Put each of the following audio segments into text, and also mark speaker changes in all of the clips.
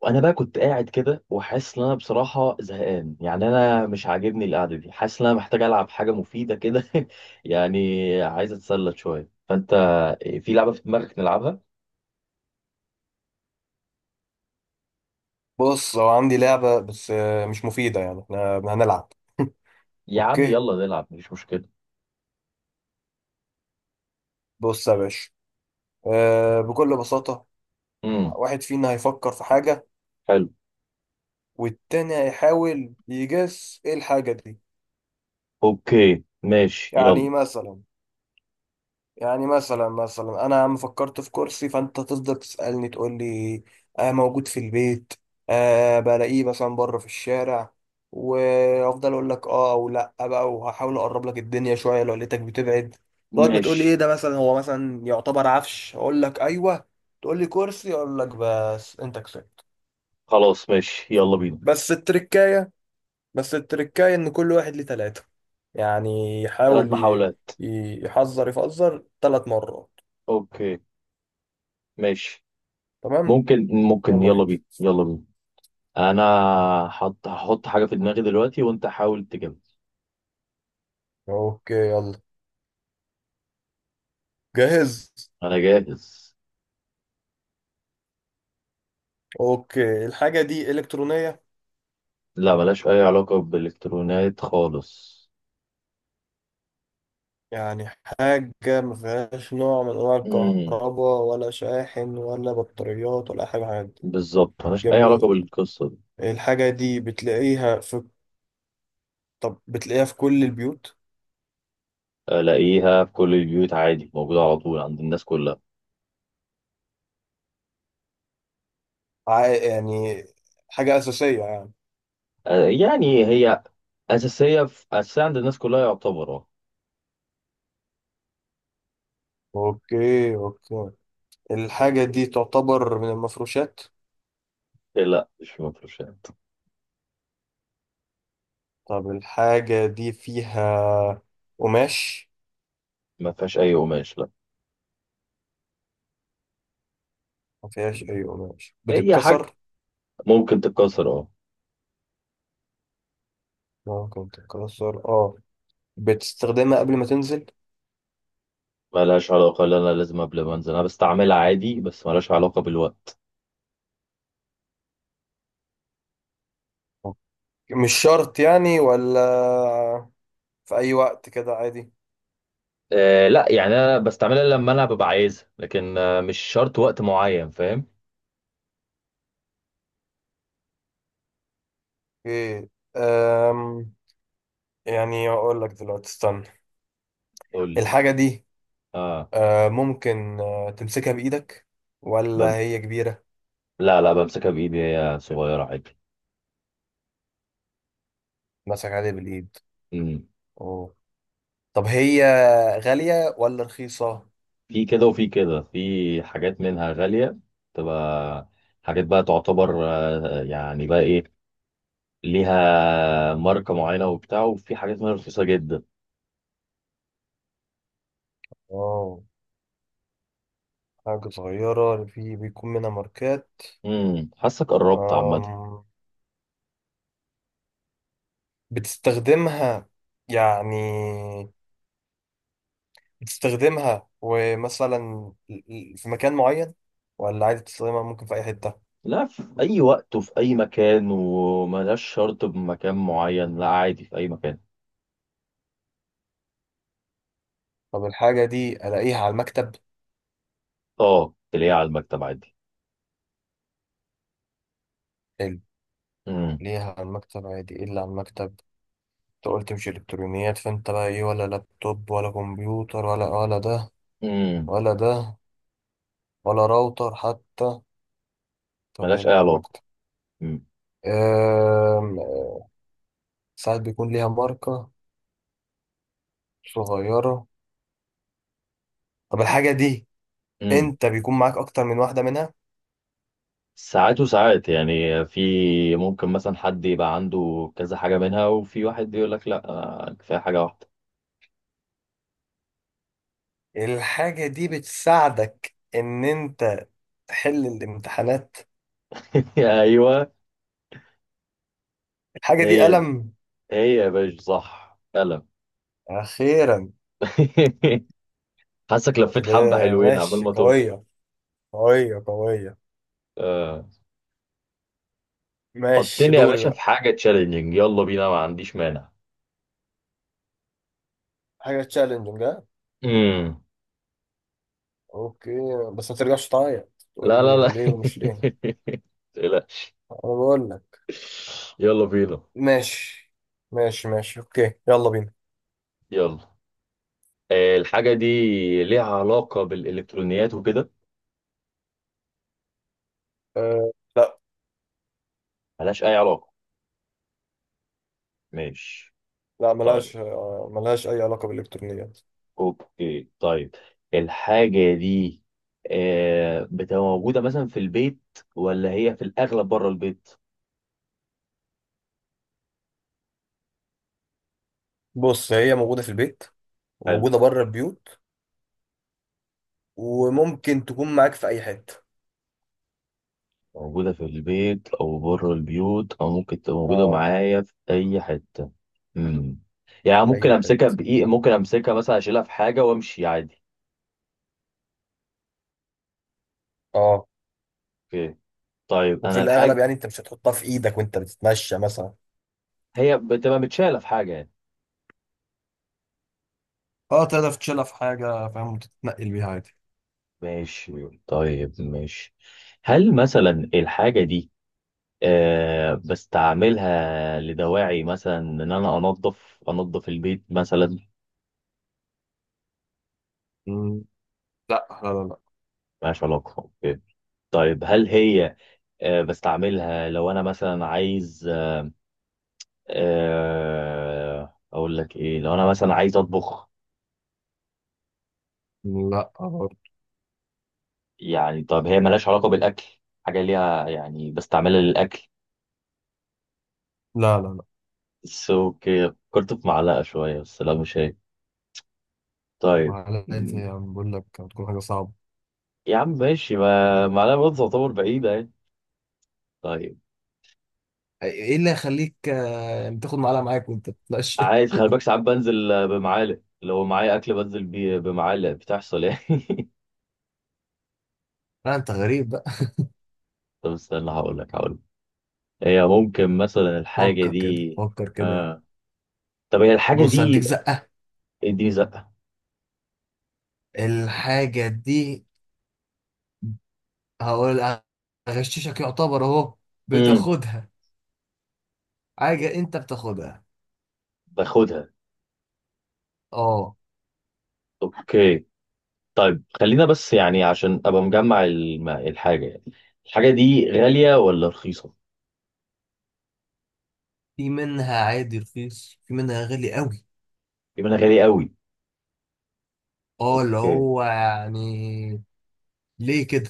Speaker 1: وانا بقى كنت قاعد كده وحاسس ان انا بصراحه زهقان، يعني انا مش عاجبني القعده دي، حاسس ان انا محتاج العب حاجه مفيده كده يعني عايز اتسلى شويه، فانت في لعبه في دماغك نلعبها؟
Speaker 2: بص هو عندي لعبة بس مش مفيدة. يعني احنا هنلعب.
Speaker 1: يا عم
Speaker 2: اوكي.
Speaker 1: يلا نلعب مفيش مشكله.
Speaker 2: بص يا باشا، بكل بساطة
Speaker 1: امم.
Speaker 2: واحد فينا هيفكر في حاجة،
Speaker 1: حلو.
Speaker 2: والتاني هيحاول يجس ايه الحاجة دي.
Speaker 1: اوكي ماشي
Speaker 2: يعني
Speaker 1: يلا.
Speaker 2: مثلا، يعني مثلا انا عم فكرت في كرسي، فانت تفضل تسالني تقول لي: آه، موجود في البيت؟ آه، بلاقيه مثلا بره في الشارع؟ وافضل اقول لك اه او لا بقى، وهحاول اقرب لك الدنيا شويه لو لقيتك بتبعد. لغايه ما تقول لي ايه
Speaker 1: ماشي.
Speaker 2: ده. مثلا هو مثلا يعتبر عفش، اقول لك ايوه، تقول لي كرسي، اقول لك بس انت كسبت.
Speaker 1: خلاص ماشي يلا بينا.
Speaker 2: بس التركايه، بس التركايه ان كل واحد ليه ثلاثه. يعني
Speaker 1: ثلاث
Speaker 2: يحاول ي-
Speaker 1: محاولات.
Speaker 2: ي- يحذر يفذر ثلاث مرات.
Speaker 1: اوكي. ماشي.
Speaker 2: تمام،
Speaker 1: ممكن
Speaker 2: يلا
Speaker 1: يلا
Speaker 2: بينا.
Speaker 1: بينا يلا بينا. انا هحط حاجه في دماغي دلوقتي وانت حاول تجيبها.
Speaker 2: اوكي، يلا. جاهز.
Speaker 1: انا جاهز.
Speaker 2: اوكي، الحاجة دي إلكترونية؟
Speaker 1: لا، ملهاش أي علاقة بالإلكترونات خالص.
Speaker 2: يعني حاجة ما فيهاش نوع من أنواع
Speaker 1: امم
Speaker 2: الكهرباء ولا شاحن ولا بطاريات ولا أي حاجة من الحاجات دي؟
Speaker 1: بالظبط ملهاش أي علاقة
Speaker 2: جميل.
Speaker 1: بالقصة دي.
Speaker 2: الحاجة دي بتلاقيها في، طب بتلاقيها في كل البيوت؟
Speaker 1: ألاقيها في كل البيوت عادي، موجودة على طول عند الناس كلها.
Speaker 2: يعني حاجة أساسية يعني؟
Speaker 1: يعني هي أساسية، في أساسية عند الناس كلها يعتبر اه.
Speaker 2: اوكي اوكي. الحاجة دي تعتبر من المفروشات؟
Speaker 1: إيه لا مش مفروشات.
Speaker 2: طب الحاجة دي فيها قماش؟
Speaker 1: ما فيهاش أي قماش لا.
Speaker 2: ما فيهاش أي قماش،
Speaker 1: هي حاجة
Speaker 2: بتتكسر؟
Speaker 1: ممكن تتكسر اه.
Speaker 2: ممكن تتكسر، اه. بتستخدمها قبل ما تنزل؟
Speaker 1: ملهاش علاقة، لا أنا لازم قبل ما أنزل، أنا بستعملها عادي بس ملهاش علاقة بالوقت.
Speaker 2: أوكي. مش شرط يعني، ولا في أي وقت كده عادي؟
Speaker 1: أه لا، يعني أنا بستعملها لما أنا ببقى عايزها لكن مش شرط وقت معين، فاهم.
Speaker 2: اوكي. أم يعني أقول لك دلوقتي، استنى.
Speaker 1: قول لي.
Speaker 2: الحاجة دي
Speaker 1: اه.
Speaker 2: ممكن تمسكها بإيدك ولا
Speaker 1: بم...
Speaker 2: هي كبيرة؟
Speaker 1: لا لا، بمسكها بإيدي هي صغيرة عادي.
Speaker 2: مسك عليها بالإيد،
Speaker 1: امم.
Speaker 2: أوه. طب هي غالية ولا رخيصة؟
Speaker 1: في كده وفي كده، في حاجات منها غالية، تبقى حاجات بقى تعتبر يعني بقى إيه، ليها ماركة معينة وبتاع، وفي حاجات منها رخيصة جدا.
Speaker 2: اه، حاجة صغيرة في بيكون منها ماركات.
Speaker 1: حاسك قربت عامة.
Speaker 2: أم، بتستخدمها يعني، بتستخدمها ومثلا في مكان معين، ولا عادي تستخدمها ممكن في أي حتة؟
Speaker 1: لا، في أي وقت وفي أي مكان، وملهاش شرط بمكان معين، لا عادي في أي مكان.
Speaker 2: طب الحاجة دي ألاقيها على المكتب؟
Speaker 1: اه تلاقيها على المكتب عادي.
Speaker 2: حلو،
Speaker 1: امم
Speaker 2: ألاقيها على المكتب عادي. إيه اللي على المكتب؟ أنت قلت مش إلكترونيات، فأنت بقى إيه؟ ولا لابتوب ولا كمبيوتر ولا ده
Speaker 1: امم
Speaker 2: ولا ده ولا راوتر حتى؟ طب إيه
Speaker 1: ملهاش أي
Speaker 2: اللي على
Speaker 1: علاقة.
Speaker 2: المكتب؟ أم. ساعات بيكون ليها ماركة صغيرة. طب الحاجة دي
Speaker 1: امم
Speaker 2: أنت بيكون معاك أكتر من واحدة منها؟
Speaker 1: ساعات وساعات، يعني في ممكن مثلا حد يبقى عنده كذا حاجة منها، وفي واحد يقول لك لا أنا كفاية حاجة واحدة.
Speaker 2: الحاجة دي بتساعدك إن أنت تحل الامتحانات؟
Speaker 1: ايوه.
Speaker 2: الحاجة دي
Speaker 1: هي دي.
Speaker 2: قلم؟
Speaker 1: هي يا باشا صح فعلا.
Speaker 2: أخيرا.
Speaker 1: حاسك لفيت
Speaker 2: ده
Speaker 1: حبة حلوين عمال
Speaker 2: ماشي،
Speaker 1: ما توصل.
Speaker 2: قوية قوية.
Speaker 1: آه.
Speaker 2: ماشي،
Speaker 1: حطني يا
Speaker 2: دوري
Speaker 1: باشا في
Speaker 2: بقى.
Speaker 1: حاجة تشالنجينج، يلا بينا ما عنديش مانع.
Speaker 2: حاجة تشالنجنج، ها؟
Speaker 1: امم.
Speaker 2: أوكي. بس ما ترجعش تعيط
Speaker 1: لا
Speaker 2: تقول
Speaker 1: لا
Speaker 2: لي
Speaker 1: لا.
Speaker 2: ليه ومش ليه.
Speaker 1: لا.
Speaker 2: أنا بقول لك.
Speaker 1: يلا بينا.
Speaker 2: ماشي، ماشي أوكي، يلا بينا.
Speaker 1: يلا. الحاجة دي ليها علاقة بالإلكترونيات وكده؟
Speaker 2: أه لا،
Speaker 1: ملهاش أي علاقة. ماشي. طيب.
Speaker 2: ملهاش أي علاقة بالإلكترونيات.
Speaker 1: اوكي طيب، الحاجة دي بتبقى موجودة مثلا في البيت ولا هي في الأغلب بره البيت؟
Speaker 2: بص، هي موجودة في البيت
Speaker 1: حلو.
Speaker 2: وموجودة بره البيوت، وممكن تكون معاك في أي حتة.
Speaker 1: موجودة في البيت أو بره البيوت أو ممكن تبقى موجودة
Speaker 2: اه.
Speaker 1: معايا في أي حتة. مم. يعني
Speaker 2: اي حته،
Speaker 1: ممكن أمسكها مثلا أشيلها في حاجة وأمشي عادي.
Speaker 2: اه.
Speaker 1: اوكي طيب
Speaker 2: وفي
Speaker 1: أنا
Speaker 2: الاغلب
Speaker 1: الحاجة.
Speaker 2: يعني انت مش هتحطها في ايدك وانت بتتمشى مثلا؟
Speaker 1: هي بتبقى متشالة في حاجة يعني.
Speaker 2: اه، تقدر تشيلها في حاجة فاهم، وتتنقل بيها عادي.
Speaker 1: ماشي طيب ماشي. هل مثلا الحاجة دي بستعملها لدواعي مثلا ان انا انظف البيت مثلا.
Speaker 2: مم. لا لا لا.
Speaker 1: ملهاش علاقه، أوكي. طيب هل هي بستعملها لو انا مثلا عايز اقول لك ايه، لو انا مثلا عايز اطبخ.
Speaker 2: لا، لا برضه.
Speaker 1: يعني طب هي ملهاش علاقه بالاكل، حاجه ليها يعني بستعملها للاكل.
Speaker 2: لا لا لا.
Speaker 1: بس اوكي، فكرت في معلقه شويه بس لا مش هي. طيب.
Speaker 2: معلقتي
Speaker 1: م-
Speaker 2: يعني، بقول لك هتكون حاجة صعبة.
Speaker 1: يا عم ماشي، ما معلقه برضه تعتبر بعيده يعني. طيب.
Speaker 2: ايه، إيه اللي يخليك تاخد معلقة معاك وانت بتتمشى؟
Speaker 1: عايز خلي بالك، ساعات بنزل بمعالق، لو معايا اكل بنزل بيه بمعالق بتحصل يعني.
Speaker 2: لا انت غريب بقى.
Speaker 1: طب استنى، هقول لك. هي ممكن مثلا الحاجه
Speaker 2: فكر كده،
Speaker 1: دي.
Speaker 2: فكر كده.
Speaker 1: آه. طب هي الحاجه
Speaker 2: بص، هديك
Speaker 1: دي.
Speaker 2: زقة.
Speaker 1: اديني زقه.
Speaker 2: الحاجة دي، هقول، هغششك يعتبر اهو.
Speaker 1: امم.
Speaker 2: بتاخدها، حاجة انت بتاخدها.
Speaker 1: باخدها.
Speaker 2: اه.
Speaker 1: اوكي. طيب خلينا بس، يعني عشان ابقى مجمع الحاجه يعني. الحاجه دي غاليه ولا رخيصه؟
Speaker 2: في منها عادي رخيص، في منها غالي قوي.
Speaker 1: يبقى انا غاليه قوي.
Speaker 2: اه، اللي
Speaker 1: اوكي.
Speaker 2: هو يعني ليه كده.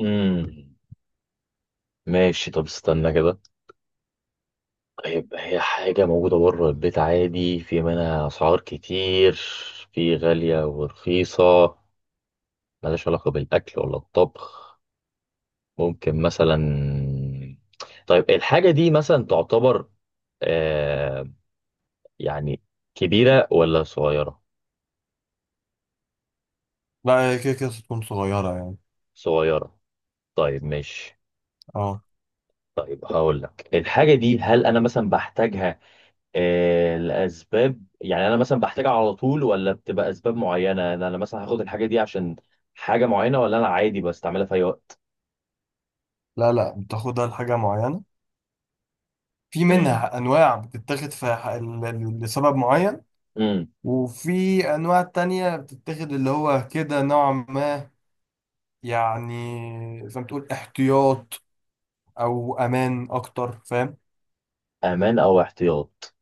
Speaker 1: امم ماشي، طب استنى كده. هيبقى هي حاجة موجودة بره البيت عادي، في منها أسعار كتير، في غالية ورخيصة، ملهاش علاقة بالأكل ولا الطبخ، ممكن مثلا. طيب الحاجة دي مثلا تعتبر آه يعني كبيرة ولا صغيرة؟
Speaker 2: لا، هي كده كده تكون صغيرة يعني.
Speaker 1: صغيرة، طيب ماشي.
Speaker 2: اه.
Speaker 1: طيب هقول لك، الحاجة دي هل أنا مثلا بحتاجها الاسباب يعني انا مثلا بحتاجها على طول، ولا بتبقى اسباب معينه، أنا مثلا هاخد الحاجه دي عشان حاجه معينه، ولا انا عادي بستعملها في اي وقت.
Speaker 2: لا لا، بتاخدها لحاجة معينة. في
Speaker 1: امم
Speaker 2: منها أنواع بتتاخد في لسبب معين،
Speaker 1: امم
Speaker 2: وفي أنواع تانية بتتاخد اللي هو كده نوع ما، يعني زي ما تقول احتياط أو أمان أكتر، فاهم؟
Speaker 1: امان او احتياط،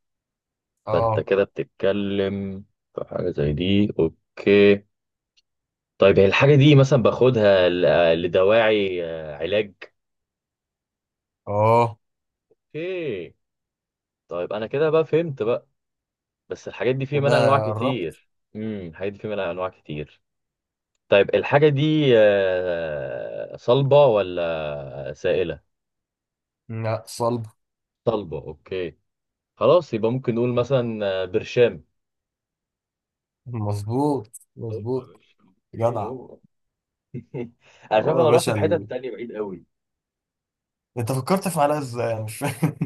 Speaker 1: فانت
Speaker 2: اه.
Speaker 1: كده بتتكلم في حاجه زي دي، اوكي. طيب هي الحاجه دي مثلا باخدها لدواعي علاج.
Speaker 2: اه
Speaker 1: اوكي. طيب انا كده بقى فهمت بقى، بس الحاجات دي في منها انواع
Speaker 2: كده قربت.
Speaker 1: كتير. الحاجات دي في منها انواع كتير. طيب الحاجة دي صلبة ولا سائلة؟
Speaker 2: لا، صلب.
Speaker 1: صلبة، اوكي. خلاص يبقى ممكن نقول مثلا برشام.
Speaker 2: مظبوط،
Speaker 1: هو يا
Speaker 2: مظبوط.
Speaker 1: باشا. ايه
Speaker 2: جدع.
Speaker 1: هو. انا شايف
Speaker 2: هو يا
Speaker 1: انا رحت
Speaker 2: باشا
Speaker 1: في حتة تانية بعيد قوي.
Speaker 2: انت فكرت في علاج ازاي؟ انا مش فاهم.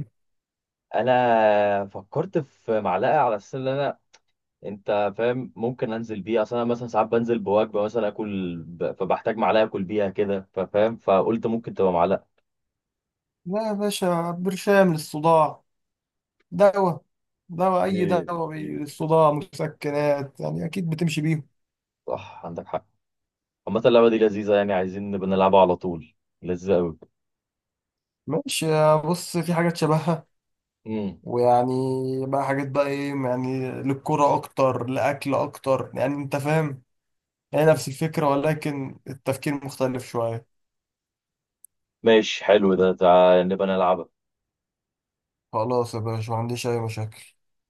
Speaker 1: انا فكرت في معلقة على اساس ان انا، انت فاهم ممكن انزل بيها، اصل انا مثلا ساعات بنزل بوجبة مثلا اكل فبحتاج معلقة اكل بيها كده، ففاهم، فقلت ممكن تبقى معلقة.
Speaker 2: لا يا باشا، برشام للصداع، دواء. دواء، اي
Speaker 1: ايه.
Speaker 2: دواء
Speaker 1: ايه
Speaker 2: للصداع، مسكنات يعني اكيد بتمشي بيهم.
Speaker 1: صح، عندك حق. عامة اللعبة دي لذيذة، يعني عايزين نبقى نلعبها على طول، لذيذة قوي.
Speaker 2: ماشي. يا بص، في حاجات شبهها،
Speaker 1: امم
Speaker 2: ويعني بقى حاجات بقى ايه، يعني للكرة اكتر، لاكل اكتر، يعني انت فاهم. هي نفس الفكرة، ولكن التفكير مختلف شوية.
Speaker 1: ماشي حلو ده، تعال نبقى نلعبها.
Speaker 2: خلاص يا باشا، ما عنديش اي مشاكل.